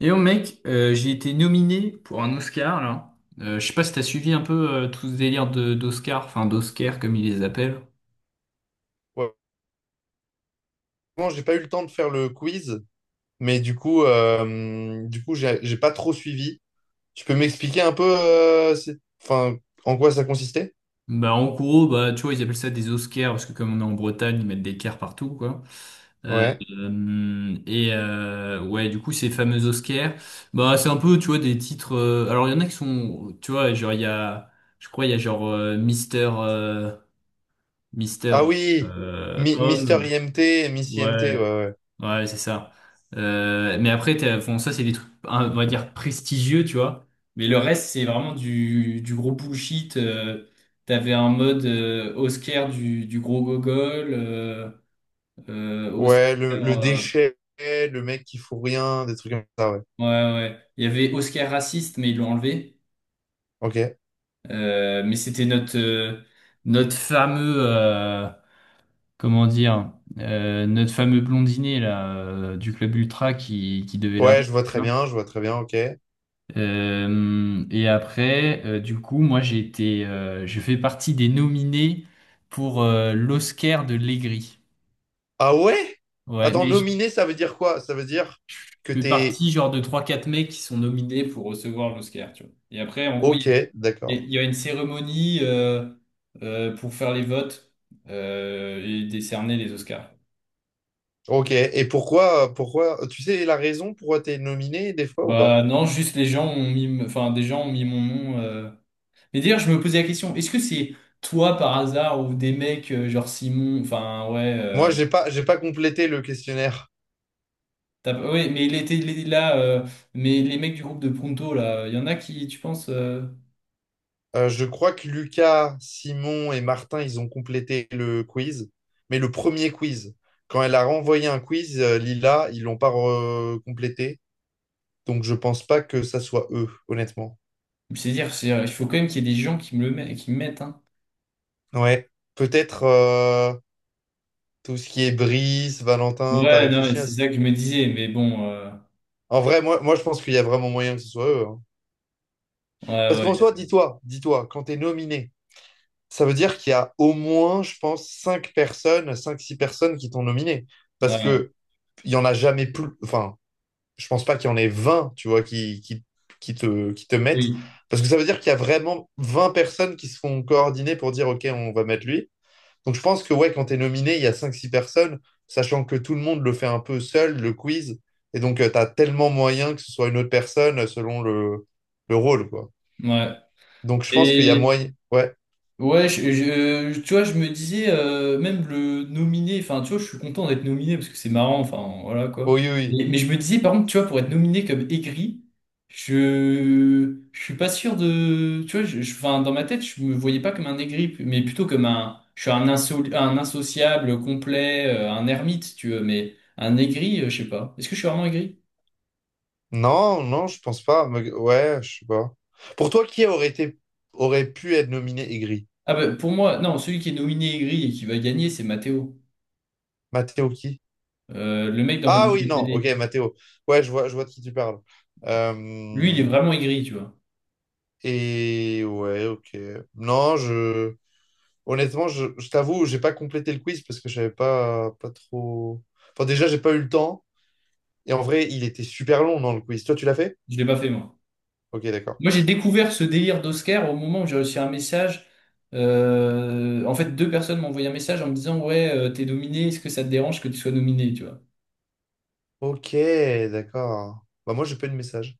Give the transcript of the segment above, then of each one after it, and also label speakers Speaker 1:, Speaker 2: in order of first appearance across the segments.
Speaker 1: Et oh mec, j'ai été nominé pour un Oscar là. Je sais pas si t'as suivi un peu tout ce délire de d'Oscar, enfin d'Oscar comme ils les appellent.
Speaker 2: Ouais. Bon, j'ai pas eu le temps de faire le quiz, mais du coup, j'ai pas trop suivi. Tu peux m'expliquer un peu, enfin, en quoi ça consistait?
Speaker 1: Bah en gros, bah tu vois, ils appellent ça des Oscars parce que comme on est en Bretagne, ils mettent des cars partout quoi. Euh,
Speaker 2: Ouais.
Speaker 1: et ouais, du coup ces fameux Oscars, bah c'est un peu tu vois des titres. Alors il y en a qui sont, tu vois, genre il y a, je crois il y a genre Mister euh, Mister
Speaker 2: Ah oui,
Speaker 1: euh,
Speaker 2: Mister
Speaker 1: Homme,
Speaker 2: IMT, et Miss IMT, ouais,
Speaker 1: ouais.
Speaker 2: ouais.
Speaker 1: Ouais, c'est ça. Mais après, bon, ça, c'est des trucs, hein, on va dire, prestigieux, tu vois. Mais le reste, c'est vraiment du gros bullshit. T'avais un mode Oscar du gros gogol.
Speaker 2: Ouais,
Speaker 1: Oscar.
Speaker 2: le déchet, le mec qui fout rien, des trucs comme ça, ouais.
Speaker 1: Ouais, ouais. Il y avait Oscar raciste, mais ils l'ont enlevé.
Speaker 2: Ok.
Speaker 1: Mais c'était notre, notre fameux. Comment dire? Notre fameux blondinet, là, du club Ultra qui devait
Speaker 2: Ouais,
Speaker 1: l'avoir.
Speaker 2: je vois très bien, je vois très bien, ok.
Speaker 1: Et après, du coup, moi, je fais partie des nominés pour l'Oscar de l'Aigri.
Speaker 2: Ah ouais?
Speaker 1: Ouais,
Speaker 2: Attends,
Speaker 1: mais je
Speaker 2: nominé, ça veut dire quoi? Ça veut dire que
Speaker 1: fais
Speaker 2: t'es...
Speaker 1: partie genre de trois quatre mecs qui sont nominés pour recevoir l'Oscar, tu vois. Et après, en gros,
Speaker 2: Ok,
Speaker 1: il y, a il
Speaker 2: d'accord.
Speaker 1: y a une cérémonie pour faire les votes et décerner les Oscars.
Speaker 2: Ok, et pourquoi, tu sais la raison pourquoi t'es nominé des fois ou pas?
Speaker 1: Bah non, juste les gens ont mis, enfin, des gens ont mis mon nom. Mais d'ailleurs, je me posais la question, est-ce que c'est toi par hasard ou des mecs genre Simon, enfin ouais,
Speaker 2: Moi, j'ai pas complété le questionnaire.
Speaker 1: ouais, mais il est là, mais les mecs du groupe de Pronto là, il y en a qui, tu penses,
Speaker 2: Je crois que Lucas, Simon et Martin, ils ont complété le quiz, mais le premier quiz. Quand elle a renvoyé un quiz, Lila, ils l'ont pas complété, donc je pense pas que ça soit eux, honnêtement.
Speaker 1: c'est-à-dire, il faut quand même qu'il y ait des gens qui qui me mettent, hein.
Speaker 2: Ouais, peut-être tout ce qui est Brice, Valentin, t'as
Speaker 1: Ouais, non, mais
Speaker 2: réfléchi à
Speaker 1: c'est
Speaker 2: ça?
Speaker 1: ça que je me disais, mais bon,
Speaker 2: En vrai, moi, je pense qu'il y a vraiment moyen que ce soit eux, hein.
Speaker 1: ouais,
Speaker 2: Parce qu'en
Speaker 1: ouais,
Speaker 2: soi, dis-toi, dis-toi, quand t'es nominé. Ça veut dire qu'il y a au moins, je pense, 5 personnes, cinq-six personnes qui t'ont nominé. Parce
Speaker 1: ouais,
Speaker 2: que il n'y en a jamais plus. Enfin, je pense pas qu'il y en ait 20, tu vois, qui te mettent.
Speaker 1: oui,
Speaker 2: Parce que ça veut dire qu'il y a vraiment 20 personnes qui se font coordonner pour dire, OK, on va mettre lui. Donc je pense que ouais, quand tu es nominé, il y a cinq-six personnes, sachant que tout le monde le fait un peu seul, le quiz. Et donc, tu as tellement moyen que ce soit une autre personne selon le rôle, quoi.
Speaker 1: ouais.
Speaker 2: Donc je pense qu'il y a
Speaker 1: Et
Speaker 2: moyen. Ouais.
Speaker 1: ouais, tu vois, je me disais, même le nominé, enfin, tu vois, je suis content d'être nominé parce que c'est marrant, enfin, voilà quoi.
Speaker 2: Oui, oui, oui.
Speaker 1: Mais je me disais, par contre, tu vois, pour être nominé comme aigri, je suis pas sûr de. Tu vois, enfin, dans ma tête, je me voyais pas comme un aigri, mais plutôt comme un. Je suis un, un insociable complet, un ermite, tu veux, mais un aigri, je sais pas. Est-ce que je suis vraiment aigri?
Speaker 2: Non, non, je pense pas. Mais- ouais, je sais pas. Pour toi, qui aurait été aurait pu être nominé aigri?
Speaker 1: Ah, bah, pour moi, non, celui qui est nominé aigri et qui va gagner, c'est Mathéo.
Speaker 2: Matteo qui?
Speaker 1: Le mec dans mon
Speaker 2: Ah
Speaker 1: groupe
Speaker 2: oui,
Speaker 1: de
Speaker 2: non, ok,
Speaker 1: télé.
Speaker 2: Matteo. Ouais, je vois de qui tu parles.
Speaker 1: Lui, il est
Speaker 2: Euh,
Speaker 1: vraiment aigri, tu vois.
Speaker 2: et ouais, ok. Non, je honnêtement, je t'avoue, j'ai pas complété le quiz parce que je savais pas, pas trop. Enfin, déjà, j'ai pas eu le temps. Et en vrai, il était super long dans le quiz. Toi, tu l'as fait?
Speaker 1: Je l'ai pas fait, moi.
Speaker 2: Ok, d'accord.
Speaker 1: Moi, j'ai découvert ce délire d'Oscar au moment où j'ai reçu un message. En fait, deux personnes m'ont envoyé un message en me disant, ouais, t'es nominé, est-ce que ça te dérange que tu sois nominé, tu vois?
Speaker 2: Ok, d'accord. Bah moi, j'ai pas eu de message.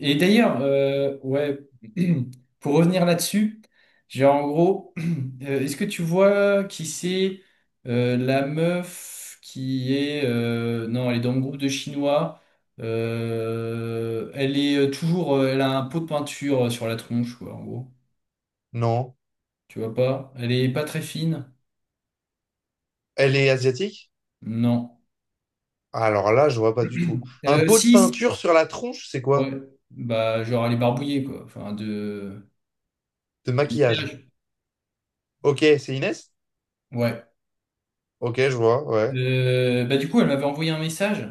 Speaker 1: Et d'ailleurs, ouais, pour revenir là-dessus, j'ai en gros, est-ce que tu vois qui c'est la meuf qui est. Non, elle est dans le groupe de Chinois. Elle est toujours. Elle a un pot de peinture sur la tronche, quoi, en gros.
Speaker 2: Non.
Speaker 1: Tu vois pas? Elle est pas très fine?
Speaker 2: Elle est asiatique?
Speaker 1: Non.
Speaker 2: Alors là, je vois pas du tout. Un pot de
Speaker 1: 6?
Speaker 2: peinture sur la tronche, c'est quoi?
Speaker 1: Ouais. Bah, genre, elle est barbouillée, quoi. Enfin, de...
Speaker 2: De
Speaker 1: en
Speaker 2: maquillage.
Speaker 1: maquillage.
Speaker 2: Ok, c'est Inès?
Speaker 1: Ouais.
Speaker 2: Ok, je vois, ouais,
Speaker 1: Bah, du coup, elle m'avait envoyé un message.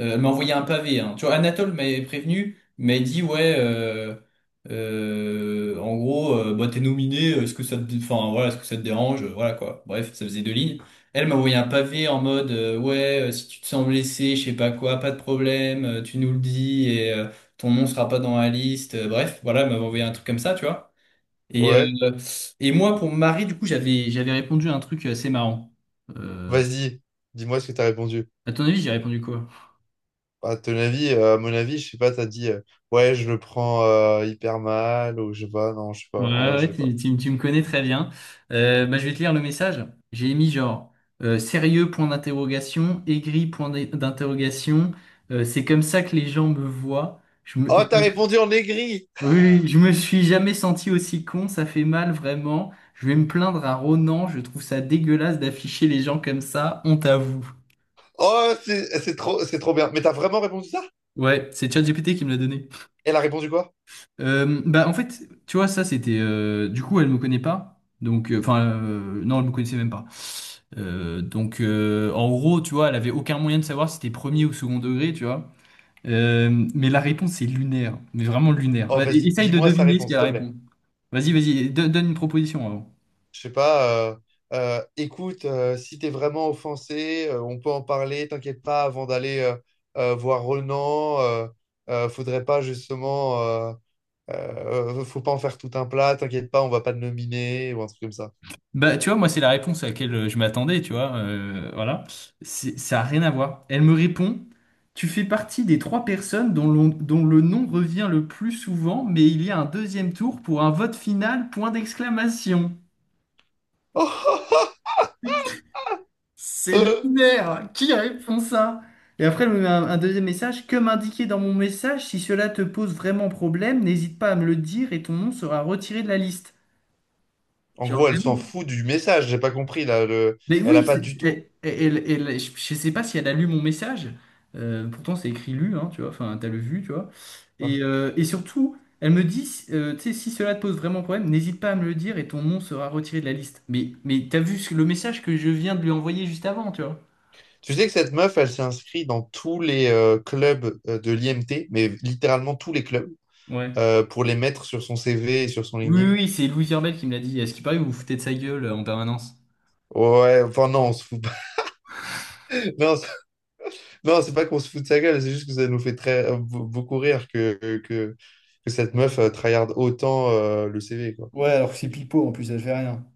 Speaker 1: Elle m'a envoyé un pavé. Hein. Tu vois, Anatole m'avait prévenu, m'avait dit ouais, en gros, bah, t'es nominé. Est-ce que ça enfin voilà, est-ce que ça te dérange? Voilà quoi. Bref, ça faisait deux lignes. Elle m'a envoyé un pavé en mode ouais, si tu te sens blessé, je sais pas quoi, pas de problème, tu nous le dis et ton nom sera pas dans la liste. Bref, voilà, elle m'avait envoyé un truc comme ça, tu vois. Et
Speaker 2: ouais.
Speaker 1: euh, et moi pour Marie, du coup, j'avais répondu à un truc assez marrant. Euh,
Speaker 2: Vas-y, dis-moi ce que t'as répondu.
Speaker 1: à ton avis, j'ai répondu quoi?
Speaker 2: Bah, à ton avis, à mon avis, je sais pas, t'as dit, ouais, je le prends hyper mal, ou je sais pas, non, je sais pas,
Speaker 1: Ouais,
Speaker 2: en
Speaker 1: ouais,
Speaker 2: vrai,
Speaker 1: ouais,
Speaker 2: je sais pas.
Speaker 1: tu me connais très bien. Bah, je vais te lire le message. J'ai mis genre sérieux point d'interrogation, aigri point d'interrogation. C'est comme ça que les gens me voient.
Speaker 2: Oh, t'as répondu en aigri!
Speaker 1: Oui, oui, je me suis jamais senti aussi con. Ça fait mal vraiment. Je vais me plaindre à Ronan. Je trouve ça dégueulasse d'afficher les gens comme ça. Honte à vous.
Speaker 2: Oh, c'est trop, c'est trop bien. Mais t'as vraiment répondu ça?
Speaker 1: Ouais, c'est ChatGPT qui me l'a donné.
Speaker 2: Elle a répondu quoi?
Speaker 1: Bah en fait, tu vois, ça c'était. Du coup, elle me connaît pas. Donc, enfin, non, elle me connaissait même pas. Donc, en gros, tu vois, elle avait aucun moyen de savoir si c'était premier ou second degré, tu vois. Mais la réponse est lunaire, mais vraiment lunaire.
Speaker 2: Oh,
Speaker 1: Ouais, et-
Speaker 2: vas-y,
Speaker 1: essaye de
Speaker 2: lis-moi sa
Speaker 1: deviner ce
Speaker 2: réponse, s'il
Speaker 1: qu'elle
Speaker 2: te plaît.
Speaker 1: répond. Vas-y, donne une proposition avant.
Speaker 2: Je sais pas, écoute, si t'es vraiment offensé, on peut en parler, t'inquiète pas, avant d'aller voir Ronan, faudrait pas justement, faut pas en faire tout un plat, t'inquiète pas, on va pas te nominer, ou un truc comme ça.
Speaker 1: Bah, tu vois, moi, c'est la réponse à laquelle je m'attendais, tu vois. Voilà. Ça a rien à voir. Elle me répond, tu fais partie des trois personnes dont le nom revient le plus souvent, mais il y a un deuxième tour pour un vote final, point d'exclamation. C'est lunaire! Qui répond ça? Et après, elle me met un deuxième message. Comme indiqué dans mon message, si cela te pose vraiment problème, n'hésite pas à me le dire et ton nom sera retiré de la liste.
Speaker 2: En
Speaker 1: Genre
Speaker 2: gros, elle s'en fout du message, j'ai pas compris, là, le...
Speaker 1: mais
Speaker 2: elle a
Speaker 1: oui,
Speaker 2: pas du tout.
Speaker 1: je sais pas si elle a lu mon message. Pourtant, c'est écrit lu, hein, tu vois. Enfin, t'as le vu, tu vois.
Speaker 2: Ouais.
Speaker 1: Et surtout, elle me dit, tu sais, si cela te pose vraiment problème, n'hésite pas à me le dire et ton nom sera retiré de la liste. Mais t'as vu le message que je viens de lui envoyer juste avant, tu vois.
Speaker 2: Tu sais que cette meuf, elle s'est inscrite dans tous les clubs de l'IMT, mais littéralement tous les clubs,
Speaker 1: Ouais.
Speaker 2: pour les mettre sur son CV et sur son
Speaker 1: Oui, oui,
Speaker 2: LinkedIn.
Speaker 1: oui, c'est Louis Herbel qui me l'a dit. Est-ce qu'il paraît que vous vous foutez de sa gueule en permanence?
Speaker 2: Ouais, enfin non, on se fout pas. Non, c'est non, c'est pas qu'on se fout de sa gueule, c'est juste que ça nous fait très beaucoup rire que, que cette meuf tryhard autant le CV, quoi.
Speaker 1: Ouais, alors que c'est pipeau en plus, elle fait rien.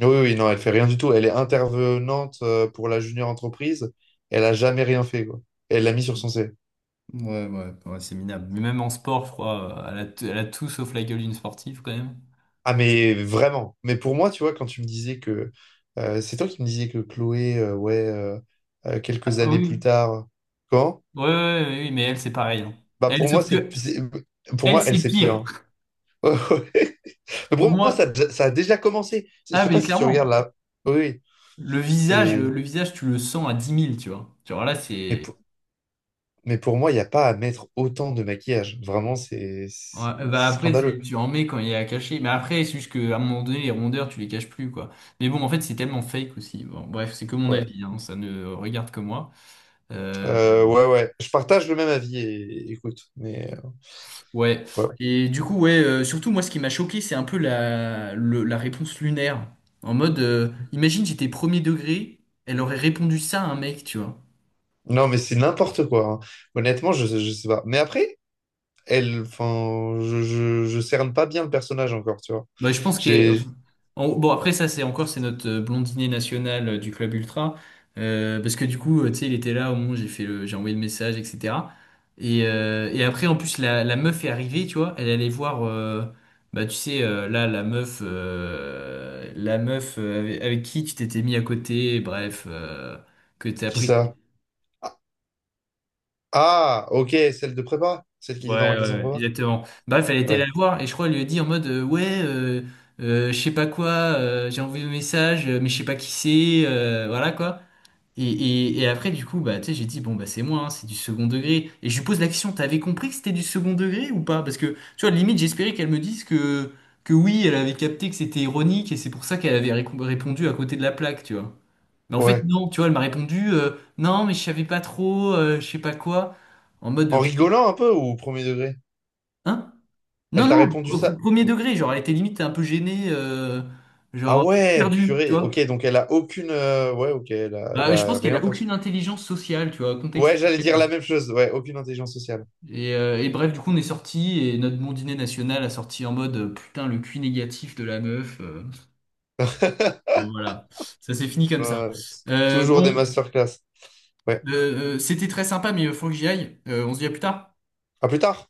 Speaker 2: Oui, oui, non, elle fait rien du tout. Elle est intervenante pour la junior entreprise. Elle a jamais rien fait, quoi. Elle l'a mis sur son CV.
Speaker 1: Ouais, ouais, ouais, c'est minable. Mais même en sport, je crois, elle a, elle a tout sauf la gueule d'une sportive quand même.
Speaker 2: Ah, mais vraiment. Mais pour moi, tu vois, quand tu me disais que... c'est toi qui me disais que Chloé, quelques
Speaker 1: Ah
Speaker 2: années plus
Speaker 1: oui.
Speaker 2: tard... Quand?
Speaker 1: Ouais, ouais, ouais, ouais, mais elle, c'est pareil. Hein.
Speaker 2: Bah
Speaker 1: Elle,
Speaker 2: pour
Speaker 1: sauf
Speaker 2: moi,
Speaker 1: que
Speaker 2: c'est- pour
Speaker 1: elle,
Speaker 2: moi,
Speaker 1: c'est
Speaker 2: elle, c'est
Speaker 1: pire.
Speaker 2: pire. Mais
Speaker 1: Pour
Speaker 2: pour moi,
Speaker 1: moi,
Speaker 2: ça a déjà commencé. Je
Speaker 1: ah,
Speaker 2: sais
Speaker 1: mais
Speaker 2: pas si tu regardes
Speaker 1: clairement,
Speaker 2: là. Oui, oui, c'est.
Speaker 1: le visage, tu le sens à dix mille, tu vois. Tu vois, là,
Speaker 2: Mais
Speaker 1: c'est.
Speaker 2: pour, mais pour moi, il n'y a pas à mettre autant de maquillage. Vraiment,
Speaker 1: Ouais, bah
Speaker 2: c'est
Speaker 1: après,
Speaker 2: scandaleux.
Speaker 1: tu en mets quand il est à cacher. Mais après, c'est juste qu'à un moment donné, les rondeurs, tu les caches plus, quoi. Mais bon, en fait, c'est tellement fake aussi. Bon, bref, c'est que mon
Speaker 2: Ouais.
Speaker 1: avis, hein, ça ne regarde que moi. Euh,
Speaker 2: Ouais, ouais. Je partage le même avis, et, écoute. Mais
Speaker 1: Ouais.
Speaker 2: voilà.
Speaker 1: Et du coup, ouais, surtout moi, ce qui m'a choqué, c'est un peu la réponse lunaire. En mode, imagine, j'étais premier degré, elle aurait répondu ça à un mec, tu vois.
Speaker 2: Non, mais c'est n'importe quoi, hein. Honnêtement, je sais pas. Mais après, elle, enfin, je cerne pas bien le personnage encore, tu vois.
Speaker 1: Bah, je pense que
Speaker 2: J'ai.
Speaker 1: bon, après, ça, c'est encore, c'est notre blondinet national du club ultra. Parce que du coup, tu sais, il était là au moment où j'ai envoyé le message, etc. Et après, en plus, la meuf est arrivée, tu vois. Elle allait voir, bah, tu sais, là, la meuf, avec, avec qui tu t'étais mis à côté, bref, que t'as
Speaker 2: Qui
Speaker 1: pris.
Speaker 2: ça? Ah, ah, ok, celle de prépa. Celle qui
Speaker 1: Ouais,
Speaker 2: était dans ma
Speaker 1: ouais,
Speaker 2: classe en
Speaker 1: ouais,
Speaker 2: prépa.
Speaker 1: exactement. Bah, fallait aller la
Speaker 2: Ouais.
Speaker 1: voir et je crois elle lui a dit en mode ouais, je sais pas quoi, j'ai envoyé un message, mais je sais pas qui c'est, voilà quoi. Et, et après du coup bah tu sais j'ai dit bon bah c'est moi, hein, c'est du second degré. Et je lui pose la question, t'avais compris que c'était du second degré ou pas? Parce que tu vois limite j'espérais qu'elle me dise que oui elle avait capté que c'était ironique et c'est pour ça qu'elle avait répondu à côté de la plaque, tu vois. Mais en fait
Speaker 2: Ouais.
Speaker 1: non, tu vois elle m'a répondu non mais je savais pas trop, je sais pas quoi, en mode
Speaker 2: En
Speaker 1: de...
Speaker 2: rigolant un peu ou au premier degré?
Speaker 1: hein? Non,
Speaker 2: Elle t'a répondu
Speaker 1: non,
Speaker 2: ça?
Speaker 1: premier degré, genre, elle était limite un peu gênée,
Speaker 2: Ah
Speaker 1: genre,
Speaker 2: ouais,
Speaker 1: perdue, tu
Speaker 2: purée. Ok,
Speaker 1: vois.
Speaker 2: donc elle a aucune. Ouais, ok, elle
Speaker 1: Bah, je
Speaker 2: a
Speaker 1: pense qu'elle
Speaker 2: rien
Speaker 1: a
Speaker 2: perçu.
Speaker 1: aucune intelligence sociale, tu vois,
Speaker 2: Ouais, j'allais dire
Speaker 1: contextuelle.
Speaker 2: la même chose. Ouais, aucune intelligence sociale.
Speaker 1: Et bref, du coup, on est sorti et notre bon dîner national a sorti en mode putain, le cul négatif de la meuf. Bon, voilà, ça s'est fini comme ça.
Speaker 2: Euh,
Speaker 1: Euh,
Speaker 2: toujours des
Speaker 1: bon,
Speaker 2: masterclass. Ouais.
Speaker 1: c'était très sympa, mais il faut que j'y aille. On se dit à plus tard.
Speaker 2: À plus tard.